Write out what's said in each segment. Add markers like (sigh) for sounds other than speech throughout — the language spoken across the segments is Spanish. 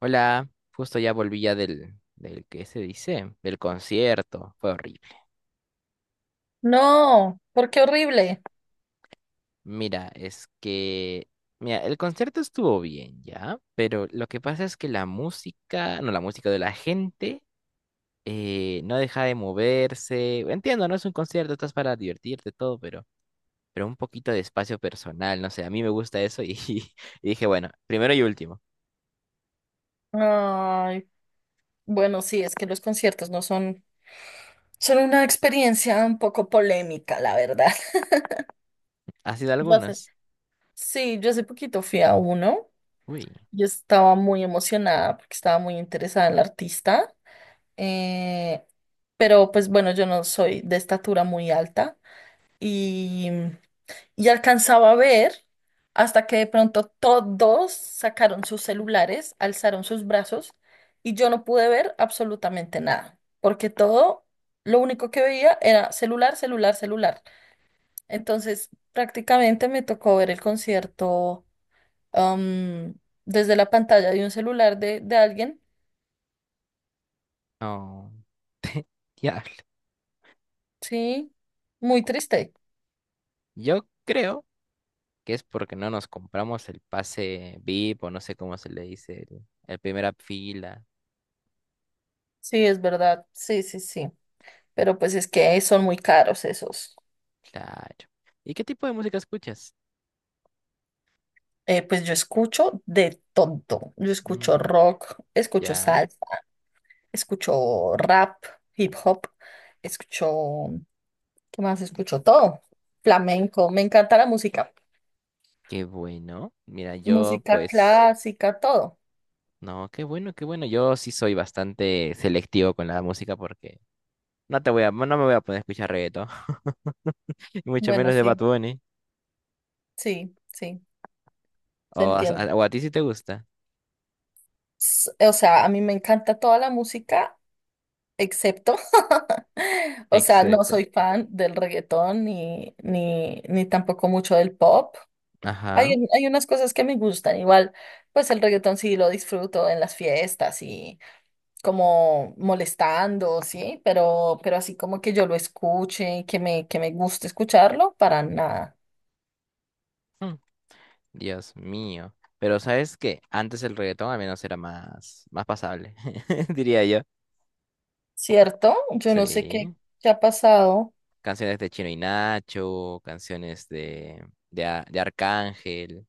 Hola, justo ya volví ya del, ¿qué se dice? Del concierto, fue horrible. No, porque horrible. Mira, es que, mira, el concierto estuvo bien ya, pero lo que pasa es que la música, no, la música de la gente no deja de moverse. Entiendo, no es un concierto, estás para divertirte todo, pero un poquito de espacio personal, no sé, a mí me gusta eso y, (laughs) y dije, bueno, primero y último. Ay, bueno, sí, es que los conciertos no son, son una experiencia un poco polémica, la verdad. (laughs) ¿Has sido Yo hace, algunas? sí, yo hace poquito fui a uno. Uy, Yo estaba muy emocionada porque estaba muy interesada en la artista. eh, pero pues bueno, yo no soy de estatura muy alta y y alcanzaba a ver hasta que de pronto todos sacaron sus celulares, alzaron sus brazos y yo no pude ver absolutamente nada, porque lo único que veía era celular, celular, celular. Entonces, prácticamente me tocó ver el concierto am, desde la pantalla de un celular de alguien, no, ya. sí, muy triste. Yo creo que es porque no nos compramos el pase VIP o no sé cómo se le dice, el primera fila. Sí, es verdad, sí, sí, sí, pero pues es que son muy caros esos. Claro. ¿Y qué tipo de música escuchas? Pues yo escucho de todo. Yo escucho Mm, rock, escucho ya, salsa, escucho rap, hip hop, escucho, ¿qué más? Escucho todo. Flamenco, me encanta la música. qué bueno. Mira, yo Música pues, clásica, todo. no, qué bueno, qué bueno. Yo sí soy bastante selectivo con la música porque no te voy a, no me voy a poner a escuchar reggaetón, (laughs) y mucho Bueno, menos de Bad sí, Bunny. sí, sí, O te a, entiendo. a- o a ti si te gusta, O sea, a mí me encanta toda la música, excepto, (laughs) o sea, no etcétera. soy fan del reggaetón ni tampoco mucho del pop. Hay, Ajá. hay unas cosas que me gustan, igual, pues el reggaetón sí lo disfruto en las fiestas y como molestando, sí, pero así como que yo lo escuche y que que me guste escucharlo, para nada, Dios mío. Pero ¿sabes que antes el reggaetón al menos era más pasable, (laughs) diría yo. ¿cierto? Yo no sé Sí. qué ha pasado, Canciones de Chino y Nacho, canciones de Arcángel.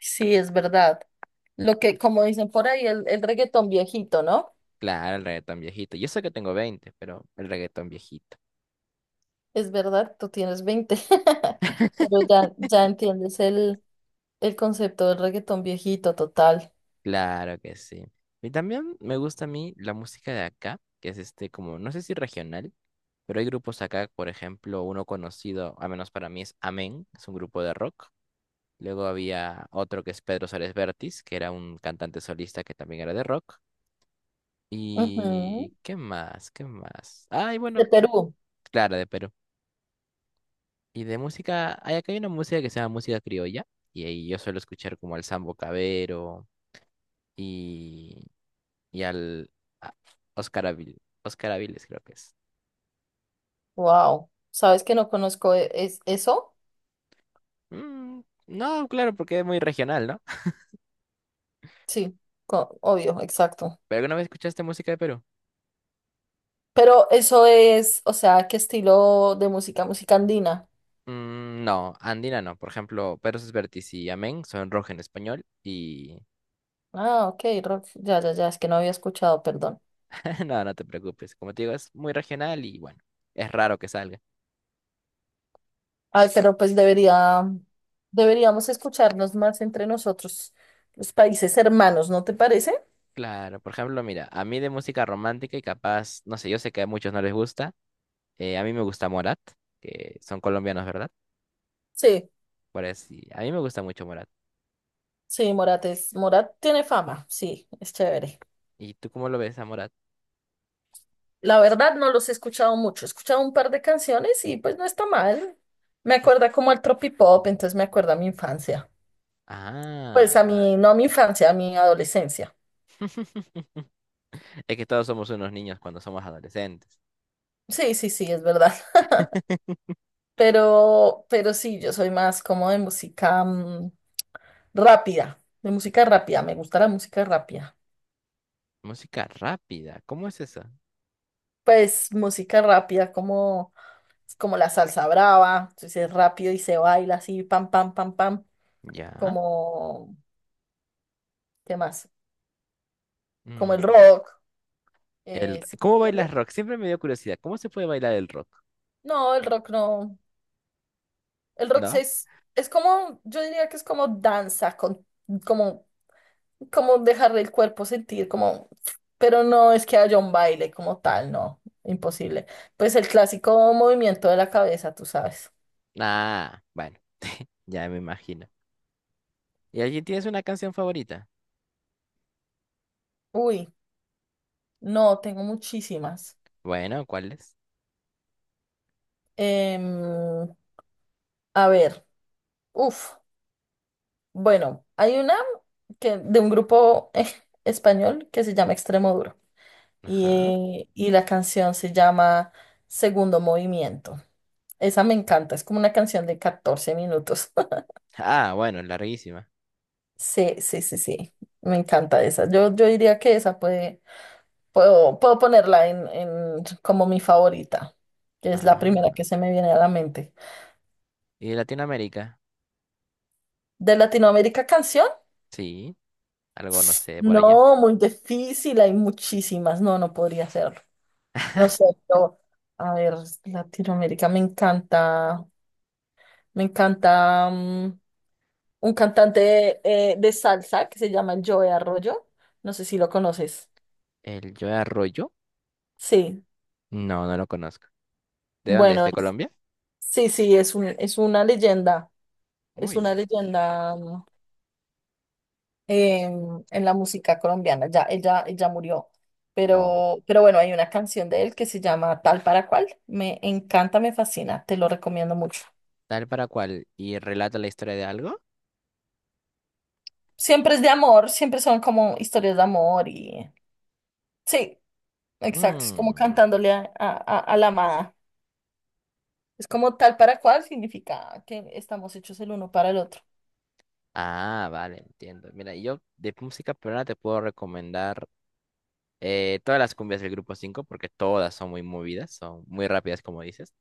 sí, es verdad. Lo que, como dicen por ahí, el reggaetón viejito, ¿no? Claro, el reggaetón viejito. Yo sé que tengo 20, pero el reggaetón viejito. Es verdad, tú tienes 20 (laughs) pero ya, ya entiendes el concepto del reggaetón viejito, total. Claro que sí. Y también me gusta a mí la música de acá, que es este como, no sé si regional, pero hay grupos acá, por ejemplo, uno conocido, al menos para mí es Amén, es un grupo de rock. Luego había otro que es Pedro Suárez Vértiz, que era un cantante solista que también era de rock. Ujú. ¿Y qué más? ¿Qué más? Ay, bueno, De Perú. claro, de Perú. Y de música, hay acá hay una música que se llama música criolla. Y ahí yo suelo escuchar como al Sambo Cabero y, y al a- Oscar Aviles, creo que es. Wow. ¿Sabes que no conozco es eso? Mm, no, claro, porque es muy regional, ¿no? (laughs) Sí, obvio, exacto. ¿Pero alguna vez escuchaste música de Perú? Pero eso es, o sea, ¿qué estilo de música? Música andina. Mm, no, andina no. Por ejemplo, Perros Vertis y Amén son rock en español y. Ah, ok, rock. Ya, ya, ya, es que no había escuchado, perdón. (laughs) No, no te preocupes. Como te digo, es muy regional y bueno, es raro que salga. Ay, pero pues deberíamos escucharnos más entre nosotros, los países hermanos, ¿no te parece? Claro, por ejemplo, mira, a mí de música romántica y capaz, no sé, yo sé que a muchos no les gusta. A mí me gusta Morat, que son colombianos, ¿verdad? Sí. Por así, a mí me gusta mucho Morat. Sí, Morat tiene fama, sí, es chévere. ¿Y tú cómo lo ves a Morat? La verdad no los he escuchado mucho, he escuchado un par de canciones y pues no está mal. Me Es- acuerda como al tropipop, entonces me acuerda a mi infancia. Pues Ah, a mi, no a mi infancia, a mi adolescencia. (laughs) es que todos somos unos niños cuando somos adolescentes. Sí, sí, sí, es verdad. (laughs) (laughs) Pero sí, yo soy más como de música rápida, de música rápida, me gusta la música rápida. Música rápida, ¿cómo es eso? Pues música rápida como la salsa brava, entonces es rápido y se baila así, pam, pam, pam, pam Ya. como ¿Qué más? Como el mm, rock, ¿sí me ¿cómo entiendes? bailas rock? Siempre me dio curiosidad. ¿Cómo se puede bailar el rock? No, el rock no. El rock sí ¿No? Es como, yo diría que es como danza, como, como dejar el cuerpo sentir, como, pero no es que haya un baile como tal, no, imposible. Pues el clásico movimiento de la cabeza, tú sabes. Ah, bueno. Ya me imagino. ¿Y allí tienes una canción favorita? Uy, no, tengo muchísimas. Bueno, ¿cuál es? Em, a ver, uf, bueno, hay una que, de un grupo (laughs) español que se llama Extremoduro. Ajá. Y la canción se llama Segundo Movimiento. Esa me encanta, es como una canción de 14 minutos. (laughs) Ah, bueno, larguísima. Sí, sí, sí, sí, me encanta esa. Yo diría que esa puedo, puedo ponerla en como mi favorita, que es la primera que Ah. se me viene a la mente. ¿Y de Latinoamérica? ¿De Latinoamérica canción? Sí, algo no sé por allá. No, muy difícil, hay muchísimas. No, no podría hacerlo. No (laughs) sé, yo, a ver, Latinoamérica me encanta, me encanta. Un cantante de salsa que se llama el Joe Arroyo. No sé si lo conoces. ¿El Joe Arroyo? Sí, No, no lo conozco. ¿De dónde es? bueno, ¿De Colombia? sí, sí, es Uy. una leyenda en la música colombiana. Ya, ella murió. Oh. Pero bueno, hay una canción de él que se llama Tal para cual. Me encanta, me fascina, te lo recomiendo mucho. ¿Tal para cual? ¿Y relata la historia de algo? Siempre es de amor, siempre son como historias de amor y sí, exacto, es como Mm. cantándole a la amada. Es como tal para cual significa que estamos hechos el uno para el otro. Ah, vale, entiendo. Mira, yo de música peruana te puedo recomendar todas las cumbias del Grupo 5 porque todas son muy movidas, son muy rápidas, como dices.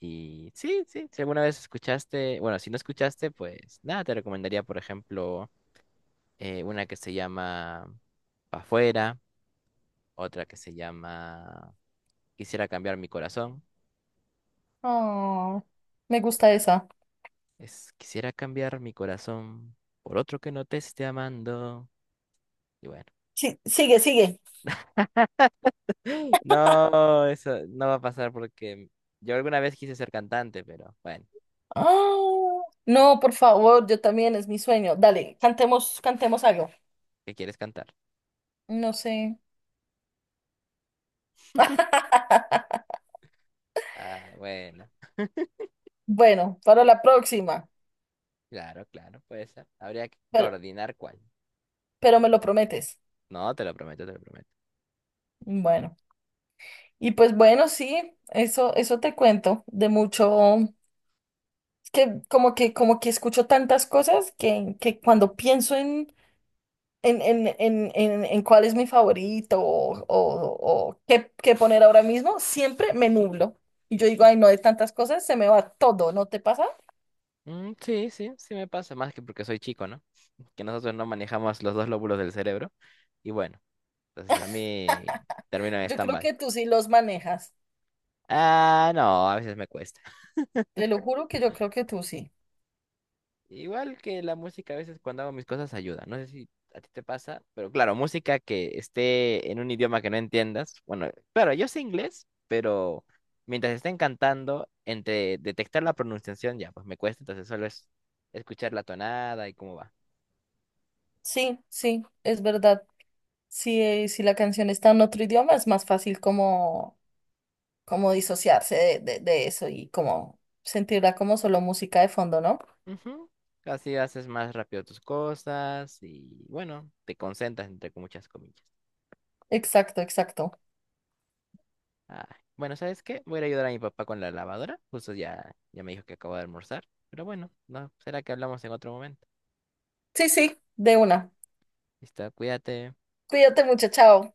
Y sí, sí, si alguna vez escuchaste, bueno, si no escuchaste, pues nada, te recomendaría, por ejemplo, una que se llama Pa' Fuera, otra que se llama Quisiera cambiar mi corazón. Ah, me gusta esa. Es Quisiera cambiar mi corazón por otro que no te esté amando. Y bueno, Sí, sigue, sigue. (gasps) no, eso no va a pasar porque yo alguna vez quise ser cantante, pero bueno, Ah, no, por favor, yo también es mi sueño. Dale, cantemos, cantemos algo. ¿qué quieres cantar? No sé. (laughs) Ah, bueno, Bueno, para la próxima, claro, claro, puede ser. Habría que pero, coordinar cuál. pero me lo prometes. No, te lo prometo, te lo prometo. Bueno, y pues bueno, sí, eso te cuento de mucho, es que como que, como que escucho tantas cosas que cuando pienso en cuál es mi favorito o qué, qué poner ahora mismo, siempre me nublo. Y yo digo, ay, no, de tantas cosas se me va todo, ¿no te pasa? Mm, sí, sí, sí me pasa, más que porque soy chico, ¿no? Que nosotros no manejamos los dos lóbulos del cerebro. Y bueno, entonces a mí termino en Yo creo stand-by. que tú sí los manejas. Ah, no, a veces me cuesta. Te lo juro que yo creo que tú sí. Igual que la música, a veces cuando hago mis cosas ayuda. No sé si a ti te pasa, pero claro, música que esté en un idioma que no entiendas. Bueno, claro, yo sé inglés, pero mientras estén cantando, entre detectar la pronunciación ya, pues me cuesta, entonces solo es escuchar la tonada y cómo va. Sí, sí, es verdad. Si, si la canción está en otro idioma, es más fácil como, como disociarse de eso y como sentirla como solo música de fondo, ¿no? Ujú. Así haces más rápido tus cosas y bueno, te concentras entre muchas comillas. Exacto, exacto. Ay, bueno, ¿sabes qué? Voy a ir a ayudar a mi papá con la lavadora. Justo ya, ya me dijo que acabo de almorzar. Pero bueno, no, será que hablamos en otro momento. Sí, sí, de una. Listo, cuídate. Cuídate mucho, chao.